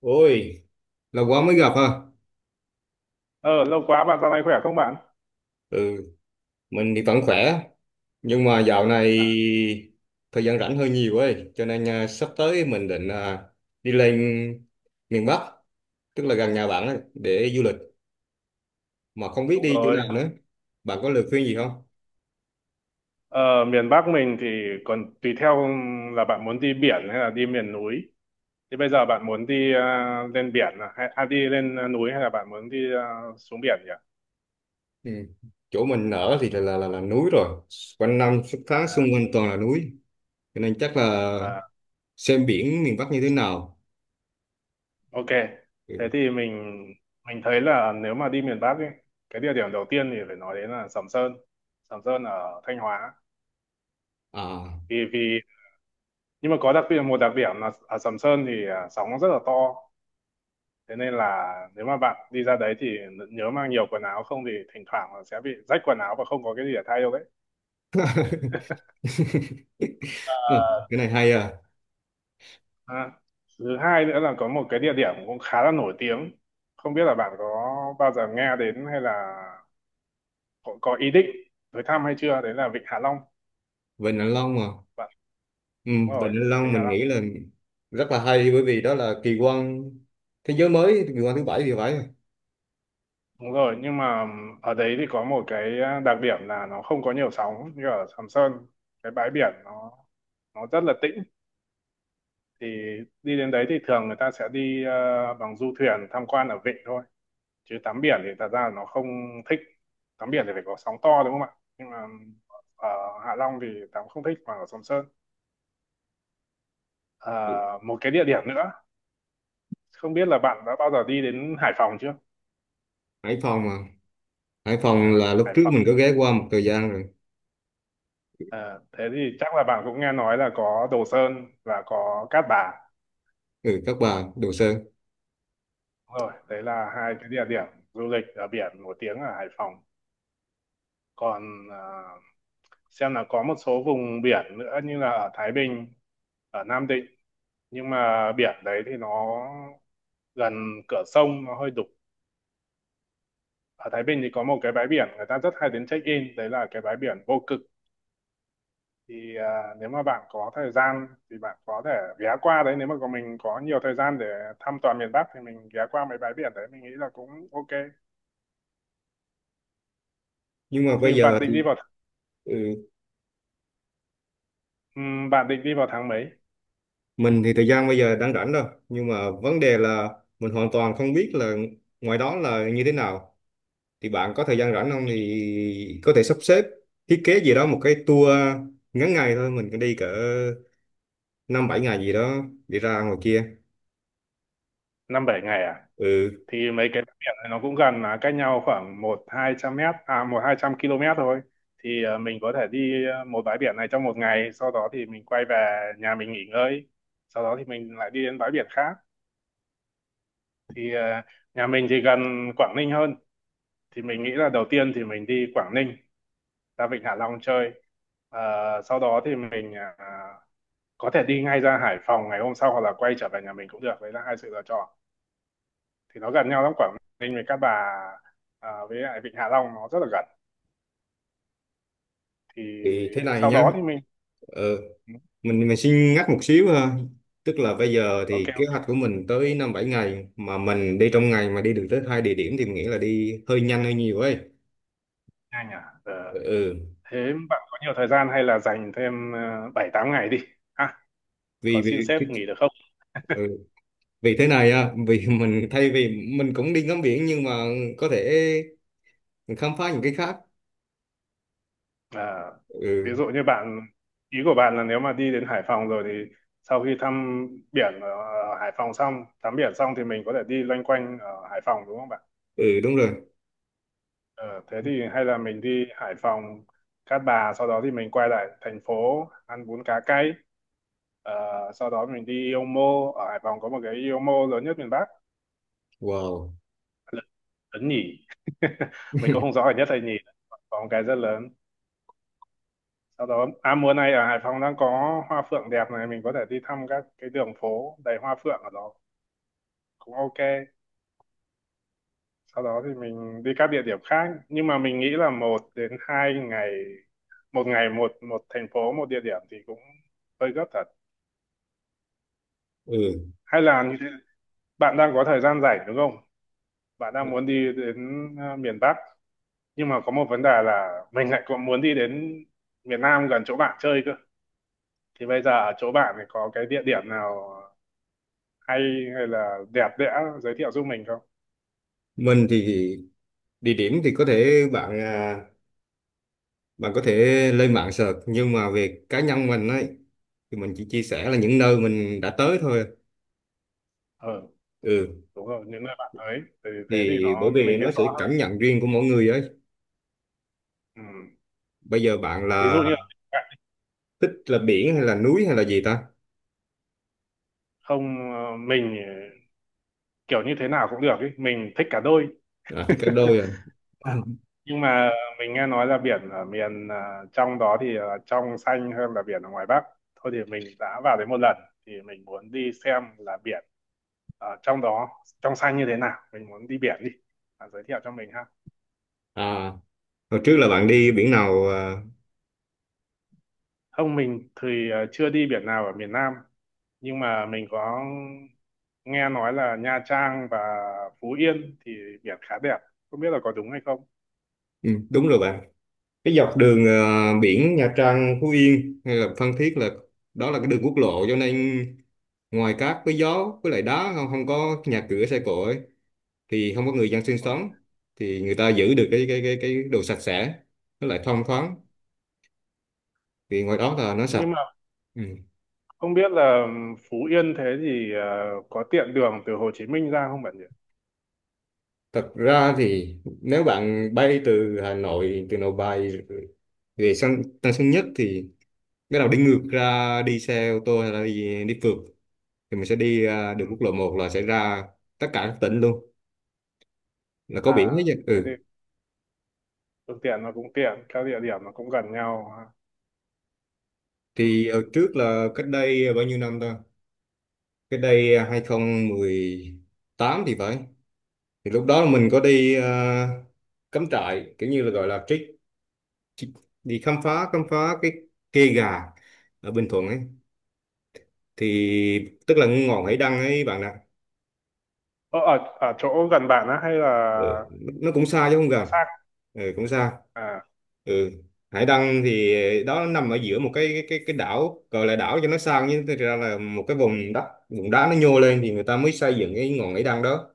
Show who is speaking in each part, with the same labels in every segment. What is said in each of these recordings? Speaker 1: Ôi, lâu quá mới gặp ha.
Speaker 2: Ờ, lâu quá bạn dạo này khỏe không bạn?
Speaker 1: Ừ, mình thì vẫn khỏe, nhưng mà dạo này thời gian rảnh hơi nhiều ấy, cho nên sắp tới mình định đi lên miền Bắc, tức là gần nhà bạn ấy, để du lịch, mà không biết
Speaker 2: Đúng
Speaker 1: đi chỗ
Speaker 2: rồi.
Speaker 1: nào nữa. Bạn có lời khuyên gì không?
Speaker 2: Ờ, miền Bắc mình thì còn tùy theo là bạn muốn đi biển hay là đi miền núi. Thì bây giờ bạn muốn đi lên biển à, hay đi lên núi, hay là bạn muốn đi xuống biển nhỉ?
Speaker 1: Ừ. Chỗ mình ở thì là núi rồi, quanh năm suốt tháng xung
Speaker 2: À,
Speaker 1: quanh toàn là núi, cho nên chắc là
Speaker 2: à,
Speaker 1: xem biển miền Bắc như thế nào.
Speaker 2: ok. Thế
Speaker 1: Ừ.
Speaker 2: thì mình thấy là nếu mà đi miền Bắc ấy, cái địa điểm đầu tiên thì phải nói đến là Sầm Sơn. Sầm Sơn ở Thanh Hóa.
Speaker 1: À,
Speaker 2: Vì vì Nhưng mà có đặc biệt một đặc điểm là ở Sầm Sơn thì sóng nó rất là to, thế nên là nếu mà bạn đi ra đấy thì nhớ mang nhiều quần áo, không thì thỉnh thoảng là sẽ bị rách quần áo và không có cái gì để thay đâu đấy.
Speaker 1: ừ, cái này hay à.
Speaker 2: à, Thứ hai nữa là có một cái địa điểm cũng khá là nổi tiếng, không biết là bạn có bao giờ nghe đến, hay là có ý định tới thăm hay chưa, đấy là Vịnh Hạ Long
Speaker 1: Vịnh Hạ Long à?
Speaker 2: bạn.
Speaker 1: Ừ,
Speaker 2: Đúng
Speaker 1: Vịnh
Speaker 2: rồi,
Speaker 1: Hạ Long
Speaker 2: Vịnh Hạ
Speaker 1: mình
Speaker 2: Long.
Speaker 1: nghĩ là rất là hay, bởi vì đó là kỳ quan thế giới mới, kỳ quan thứ bảy thì phải.
Speaker 2: Đúng rồi, nhưng mà ở đấy thì có một cái đặc điểm là nó không có nhiều sóng như ở Sầm Sơn, cái bãi biển nó rất là tĩnh, thì đi đến đấy thì thường người ta sẽ đi bằng du thuyền tham quan ở vịnh thôi, chứ tắm biển thì thật ra là nó không thích. Tắm biển thì phải có sóng to, đúng không ạ? Nhưng mà ở Hạ Long thì tắm không thích, mà ở Sầm Sơn. Ờ, một cái địa điểm nữa, không biết là bạn đã bao giờ đi đến Hải Phòng chưa.
Speaker 1: Hải Phòng à? Hải
Speaker 2: Ờ,
Speaker 1: Phòng là lúc
Speaker 2: Hải
Speaker 1: trước
Speaker 2: Phòng.
Speaker 1: mình có ghé qua một thời gian rồi.
Speaker 2: Ờ, thế thì chắc là bạn cũng nghe nói là có Đồ Sơn và có Cát Bà.
Speaker 1: Ừ, Cát Bà, Đồ Sơn.
Speaker 2: Đúng rồi, đấy là hai cái địa điểm du lịch ở biển nổi tiếng ở Hải Phòng. Còn xem là có một số vùng biển nữa như là ở Thái Bình, ở Nam Định, nhưng mà biển đấy thì nó gần cửa sông, nó hơi đục. Ở Thái Bình thì có một cái bãi biển người ta rất hay đến check in, đấy là cái bãi biển Vô Cực. Thì nếu mà bạn có thời gian thì bạn có thể ghé qua đấy, nếu mà mình có nhiều thời gian để thăm toàn miền Bắc thì mình ghé qua mấy bãi biển đấy, mình nghĩ là cũng ok.
Speaker 1: Nhưng mà
Speaker 2: thì
Speaker 1: bây giờ
Speaker 2: bạn định đi
Speaker 1: thì
Speaker 2: vào th-
Speaker 1: ừ,
Speaker 2: Bạn định đi vào tháng mấy?
Speaker 1: mình thì thời gian bây giờ đang rảnh đâu, nhưng mà vấn đề là mình hoàn toàn không biết là ngoài đó là như thế nào. Thì bạn có thời gian rảnh không thì có thể sắp xếp thiết kế gì đó một cái tour ngắn ngày thôi, mình cứ đi cỡ 5, 7 ngày gì đó đi ra ngoài kia.
Speaker 2: Năm bảy ngày à?
Speaker 1: Ừ,
Speaker 2: Thì mấy cái bãi biển này nó cũng gần, là cách nhau khoảng một hai trăm mét, à một hai trăm km thôi, thì mình có thể đi một bãi biển này trong một ngày, sau đó thì mình quay về nhà mình nghỉ ngơi, sau đó thì mình lại đi đến bãi biển khác. Thì nhà mình thì gần Quảng Ninh hơn, thì mình nghĩ là đầu tiên thì mình đi Quảng Ninh ra Vịnh Hạ Long chơi. Ờ, sau đó thì mình có thể đi ngay ra Hải Phòng ngày hôm sau, hoặc là quay trở về nhà mình cũng được, đấy là hai sự lựa chọn. Thì nó gần nhau lắm, Quảng Ninh với Cát Bà, à với lại Vịnh Hạ Long nó rất là gần. Thì
Speaker 1: thì thế này
Speaker 2: sau
Speaker 1: nhá.
Speaker 2: đó thì mình
Speaker 1: Ờ, mình mình xin ngắt một xíu ha. Tức là bây giờ
Speaker 2: Ok,
Speaker 1: thì kế
Speaker 2: ok,
Speaker 1: hoạch của mình tới 5, 7 ngày mà mình đi trong ngày mà đi được tới hai địa điểm thì mình nghĩ là đi hơi nhanh hơi nhiều ấy.
Speaker 2: nhanh à? Ờ,
Speaker 1: Ừ.
Speaker 2: thế bạn có nhiều thời gian hay là dành thêm bảy tám ngày đi ha? Có
Speaker 1: vì
Speaker 2: xin
Speaker 1: vì
Speaker 2: sếp nghỉ được không?
Speaker 1: ừ, vì thế này á, vì mình thay vì mình cũng đi ngắm biển, nhưng mà có thể mình khám phá những cái khác.
Speaker 2: À, ví
Speaker 1: Ừ.
Speaker 2: dụ như bạn ý của bạn là nếu mà đi đến Hải Phòng rồi thì sau khi thăm biển ở Hải Phòng xong, tắm biển xong thì mình có thể đi loanh quanh ở Hải Phòng, đúng không bạn?
Speaker 1: Ừ, đúng rồi.
Speaker 2: Ờ, thế thì hay là mình đi Hải Phòng, Cát Bà, sau đó thì mình quay lại thành phố ăn bún cá cay. Ờ, sau đó mình đi Ipomo, ở Hải Phòng có một cái Ipomo lớn nhất miền Bắc,
Speaker 1: Wow.
Speaker 2: lớn, lớn nhỉ. Mình cũng không rõ là nhất hay nhì, có một cái rất lớn. Sau đó, à mùa này ở Hải Phòng đang có hoa phượng đẹp này, mình có thể đi thăm các cái đường phố đầy hoa phượng ở đó, cũng ok. Sau đó thì mình đi các địa điểm khác, nhưng mà mình nghĩ là một đến hai ngày, một ngày một một thành phố một địa điểm thì cũng hơi gấp thật.
Speaker 1: Ừ.
Speaker 2: Hay là như thế, bạn đang có thời gian rảnh đúng không? Bạn đang muốn đi đến miền Bắc, nhưng mà có một vấn đề là mình lại còn muốn đi đến miền Nam gần chỗ bạn chơi cơ. Thì bây giờ ở chỗ bạn thì có cái địa điểm nào hay, hay là đẹp đẽ, giới thiệu giúp mình không?
Speaker 1: Mình thì địa điểm thì có thể bạn bạn có thể lên mạng search, nhưng mà về cá nhân mình ấy thì mình chỉ chia sẻ là những nơi mình đã tới thôi.
Speaker 2: Ừ,
Speaker 1: Ừ.
Speaker 2: đúng rồi, những nơi bạn tới thì thế thì
Speaker 1: Thì
Speaker 2: nó
Speaker 1: bởi vì
Speaker 2: mình biết
Speaker 1: nó
Speaker 2: rõ
Speaker 1: sẽ
Speaker 2: hơn.
Speaker 1: cảm nhận riêng của mỗi người ấy.
Speaker 2: Ừ.
Speaker 1: Bây giờ bạn
Speaker 2: ví
Speaker 1: là
Speaker 2: dụ như
Speaker 1: thích là biển hay là núi hay là gì ta?
Speaker 2: Không, mình kiểu như thế nào cũng được, ý mình thích cả đôi,
Speaker 1: À, thích cả đôi à?
Speaker 2: nhưng mà mình nghe nói là biển ở miền trong đó thì là trong xanh hơn là biển ở ngoài Bắc. Thôi thì mình đã vào đấy một lần, thì mình muốn đi xem là biển ở trong đó trong xanh như thế nào, mình muốn đi biển đi, bạn giới thiệu cho mình ha.
Speaker 1: À, hồi trước là bạn đi biển nào à?
Speaker 2: Không, mình thì chưa đi biển nào ở miền Nam, nhưng mà mình có nghe nói là Nha Trang và Phú Yên thì biển khá đẹp, không biết là có đúng hay không.
Speaker 1: Ừ, đúng rồi bạn, cái dọc đường biển Nha Trang, Phú Yên hay là Phan Thiết là đó là cái đường quốc lộ, cho nên ngoài cát với gió với lại đá, không không có nhà cửa xe cộ ấy, thì không có người dân sinh
Speaker 2: Ờ.
Speaker 1: sống. Thì người ta giữ được cái đồ sạch sẽ, nó lại thông thoáng, vì ngoài đó là nó sạch.
Speaker 2: nhưng mà
Speaker 1: Ừ.
Speaker 2: Không biết là Phú Yên thế thì có tiện đường từ Hồ Chí Minh ra không bạn nhỉ?
Speaker 1: Thật ra thì nếu bạn bay từ Hà Nội, từ Nội Bài về sân Tân Sơn Nhất thì bắt đầu đi ngược ra, đi xe ô tô hay là đi phượt thì mình sẽ đi
Speaker 2: Ừ.
Speaker 1: đường quốc lộ 1 là sẽ ra tất cả các tỉnh luôn, là có biển
Speaker 2: À,
Speaker 1: hết chứ.
Speaker 2: thế
Speaker 1: Ừ.
Speaker 2: thì phương tiện nó cũng tiện, các địa điểm nó cũng gần nhau, ha. Ừ.
Speaker 1: Thì ở trước là cách đây bao nhiêu năm ta? Cách đây 2018 thì phải. Thì lúc đó là mình có đi cắm trại, kiểu như là gọi là trek, chị- đi khám phá cái kê gà ở Bình Thuận ấy, thì tức là ngọn Hải Đăng ấy bạn ạ.
Speaker 2: Ở chỗ gần bạn á, hay là
Speaker 1: Ừ, nó cũng xa chứ không
Speaker 2: có
Speaker 1: gần.
Speaker 2: xa?
Speaker 1: Ừ, cũng xa.
Speaker 2: À,
Speaker 1: Ừ. Hải Đăng thì đó nằm ở giữa một cái đảo, gọi là đảo cho nó sang, nhưng thực ra là một cái vùng đất, vùng đá nó nhô lên, thì người ta mới xây dựng cái ngọn Hải Đăng đó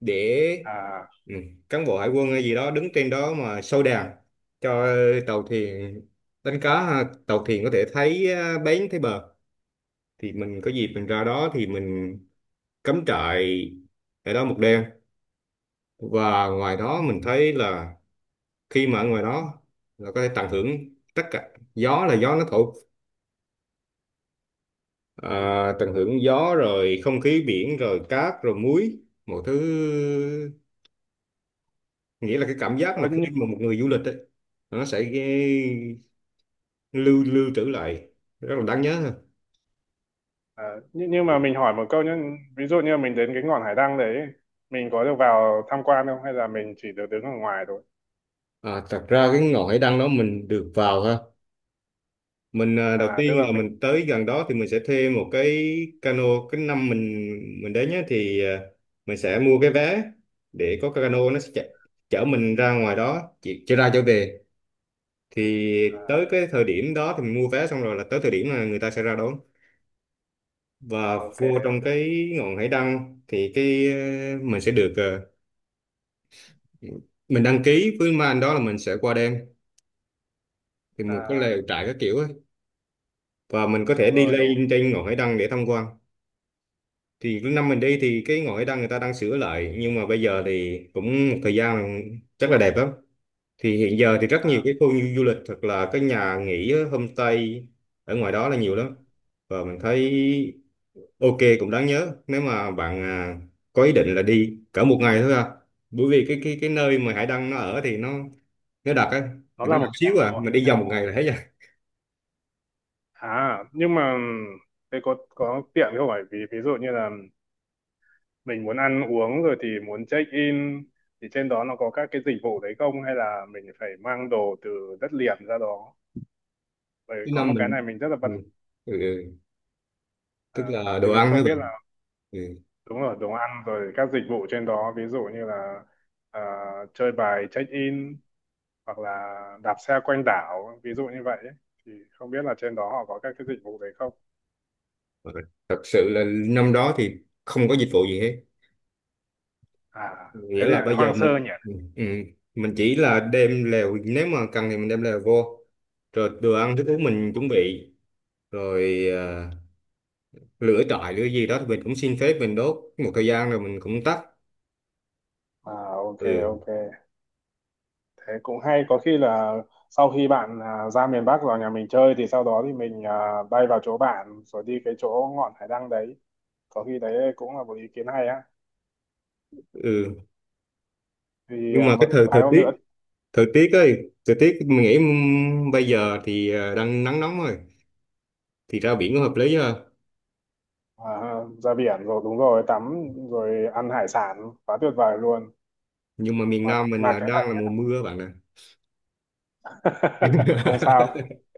Speaker 1: để
Speaker 2: à,
Speaker 1: ừ, cán bộ hải quân hay gì đó đứng trên đó mà soi đèn cho tàu thuyền đánh cá ha, tàu thuyền có thể thấy bến, thấy bờ. Thì mình có dịp mình ra đó thì mình cắm trại ở đó một đêm, và ngoài đó mình thấy là khi mà ở ngoài đó là có thể tận hưởng tất cả, gió là gió nó thổi,
Speaker 2: ừ.
Speaker 1: tận hưởng gió rồi không khí biển rồi cát rồi muối, một thứ, nghĩa là cái cảm giác
Speaker 2: Ờ,
Speaker 1: mà khi
Speaker 2: nhưng,
Speaker 1: mà một người du lịch ấy, nó sẽ lưu lưu trữ lại rất là đáng nhớ ha.
Speaker 2: à, nhưng nhưng mà mình hỏi một câu nhé, ví dụ như mình đến cái ngọn hải đăng đấy, mình có được vào tham quan không, hay là mình chỉ được đứng ở ngoài thôi?
Speaker 1: Thật ra cái ngọn hải đăng đó mình được vào ha. Mình đầu
Speaker 2: À, tức
Speaker 1: tiên
Speaker 2: là
Speaker 1: là
Speaker 2: mình,
Speaker 1: mình tới gần đó thì mình sẽ thuê một cái cano. Cái năm mình đến nhé thì mình sẽ mua cái vé để có cái cano nó sẽ chở mình ra ngoài đó, chỉ ra trở về. Thì
Speaker 2: à,
Speaker 1: tới cái thời điểm đó thì mình mua vé xong rồi là tới thời điểm là người ta sẽ ra đón và
Speaker 2: Ok,
Speaker 1: vô trong cái ngọn hải đăng thì cái mình sẽ được mình đăng ký với mấy anh đó là mình sẽ qua đêm, thì mình có lều
Speaker 2: à,
Speaker 1: trại các kiểu ấy. Và mình có thể
Speaker 2: đúng
Speaker 1: đi
Speaker 2: rồi, đúng.
Speaker 1: lên trên ngọn hải đăng để tham quan. Thì năm mình đi thì cái ngọn hải đăng người ta đang sửa lại, nhưng mà bây giờ thì cũng một thời gian, chắc là đẹp lắm. Thì hiện giờ thì rất nhiều
Speaker 2: À,
Speaker 1: cái khu du lịch, thật là cái nhà nghỉ á, homestay ở ngoài đó là nhiều lắm, và mình thấy ok, cũng đáng nhớ, nếu mà bạn có ý định là đi cỡ một ngày thôi à, bởi vì cái nơi mà Hải Đăng nó ở thì nó đặc ấy,
Speaker 2: nó
Speaker 1: thì
Speaker 2: là
Speaker 1: nó nhỏ
Speaker 2: một cái đảo.
Speaker 1: xíu à, mình đi vòng một ngày là hết rồi.
Speaker 2: À, nhưng mà ừ, thế có tiện không, phải vì ví dụ như là mình muốn ăn uống rồi thì muốn check in thì trên đó nó có các cái dịch vụ đấy không, hay là mình phải mang đồ từ đất liền ra đó. Bởi vì
Speaker 1: Thứ
Speaker 2: có
Speaker 1: năm
Speaker 2: một cái này
Speaker 1: mình
Speaker 2: mình rất là
Speaker 1: ừ. Ừ. Ừ.
Speaker 2: à,
Speaker 1: Tức là
Speaker 2: thì
Speaker 1: đồ
Speaker 2: mình
Speaker 1: ăn hả
Speaker 2: không biết
Speaker 1: bạn?
Speaker 2: là,
Speaker 1: Ừ.
Speaker 2: đúng rồi, đồ ăn rồi các dịch vụ trên đó ví dụ như là à, chơi bài check in hoặc là đạp xe quanh đảo, ví dụ như vậy ấy. Thì không biết là trên đó họ có các cái dịch vụ đấy không.
Speaker 1: Ờ, thật sự là năm đó thì không có dịch vụ gì hết.
Speaker 2: À, thế
Speaker 1: Nghĩa
Speaker 2: thì
Speaker 1: là
Speaker 2: lại
Speaker 1: bây giờ
Speaker 2: hoang
Speaker 1: mình.
Speaker 2: sơ nhỉ.
Speaker 1: Ừ. Ừ, mình chỉ là đem lèo, nếu mà cần thì mình đem lèo vô, rồi đồ ăn thức uống mình chuẩn bị, rồi lửa trại lửa gì đó thì mình cũng xin phép mình đốt một thời gian rồi mình cũng tắt.
Speaker 2: À, ok,
Speaker 1: Ừ.
Speaker 2: ok, thế cũng hay, có khi là sau khi bạn ra miền Bắc vào nhà mình chơi thì sau đó thì mình bay vào chỗ bạn rồi đi cái chỗ ngọn hải đăng đấy, có khi đấy cũng là một ý kiến hay á.
Speaker 1: Ừ.
Speaker 2: Thì
Speaker 1: Nhưng mà cái
Speaker 2: một
Speaker 1: thời
Speaker 2: vài
Speaker 1: thời
Speaker 2: hôm
Speaker 1: tiết
Speaker 2: nữa,
Speaker 1: thời tiết ấy, thời tiết mình nghĩ bây giờ thì đang nắng nóng rồi thì ra biển có hợp lý ha.
Speaker 2: à ra biển rồi, đúng rồi, tắm rồi ăn hải sản quá tuyệt vời luôn.
Speaker 1: Nhưng mà miền Nam mình
Speaker 2: Mà
Speaker 1: là
Speaker 2: cái
Speaker 1: đang là mùa mưa bạn ạ.
Speaker 2: Không sao,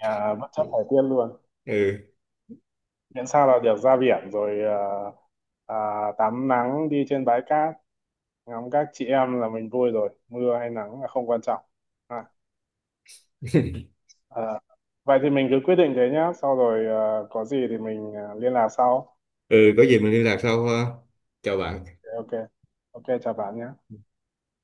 Speaker 2: à bất chấp thời tiết luôn,
Speaker 1: Ừ.
Speaker 2: miễn sao là được ra biển rồi à, tắm nắng đi trên bãi cát ngắm các chị em là mình vui rồi, mưa hay nắng là không quan trọng. À. Ờ, vậy thì mình cứ quyết định thế nhá, sau rồi có gì thì mình liên lạc sau.
Speaker 1: Ừ, có gì mình liên lạc sau ha. Chào bạn.
Speaker 2: Ok, ok, chào bạn nhé.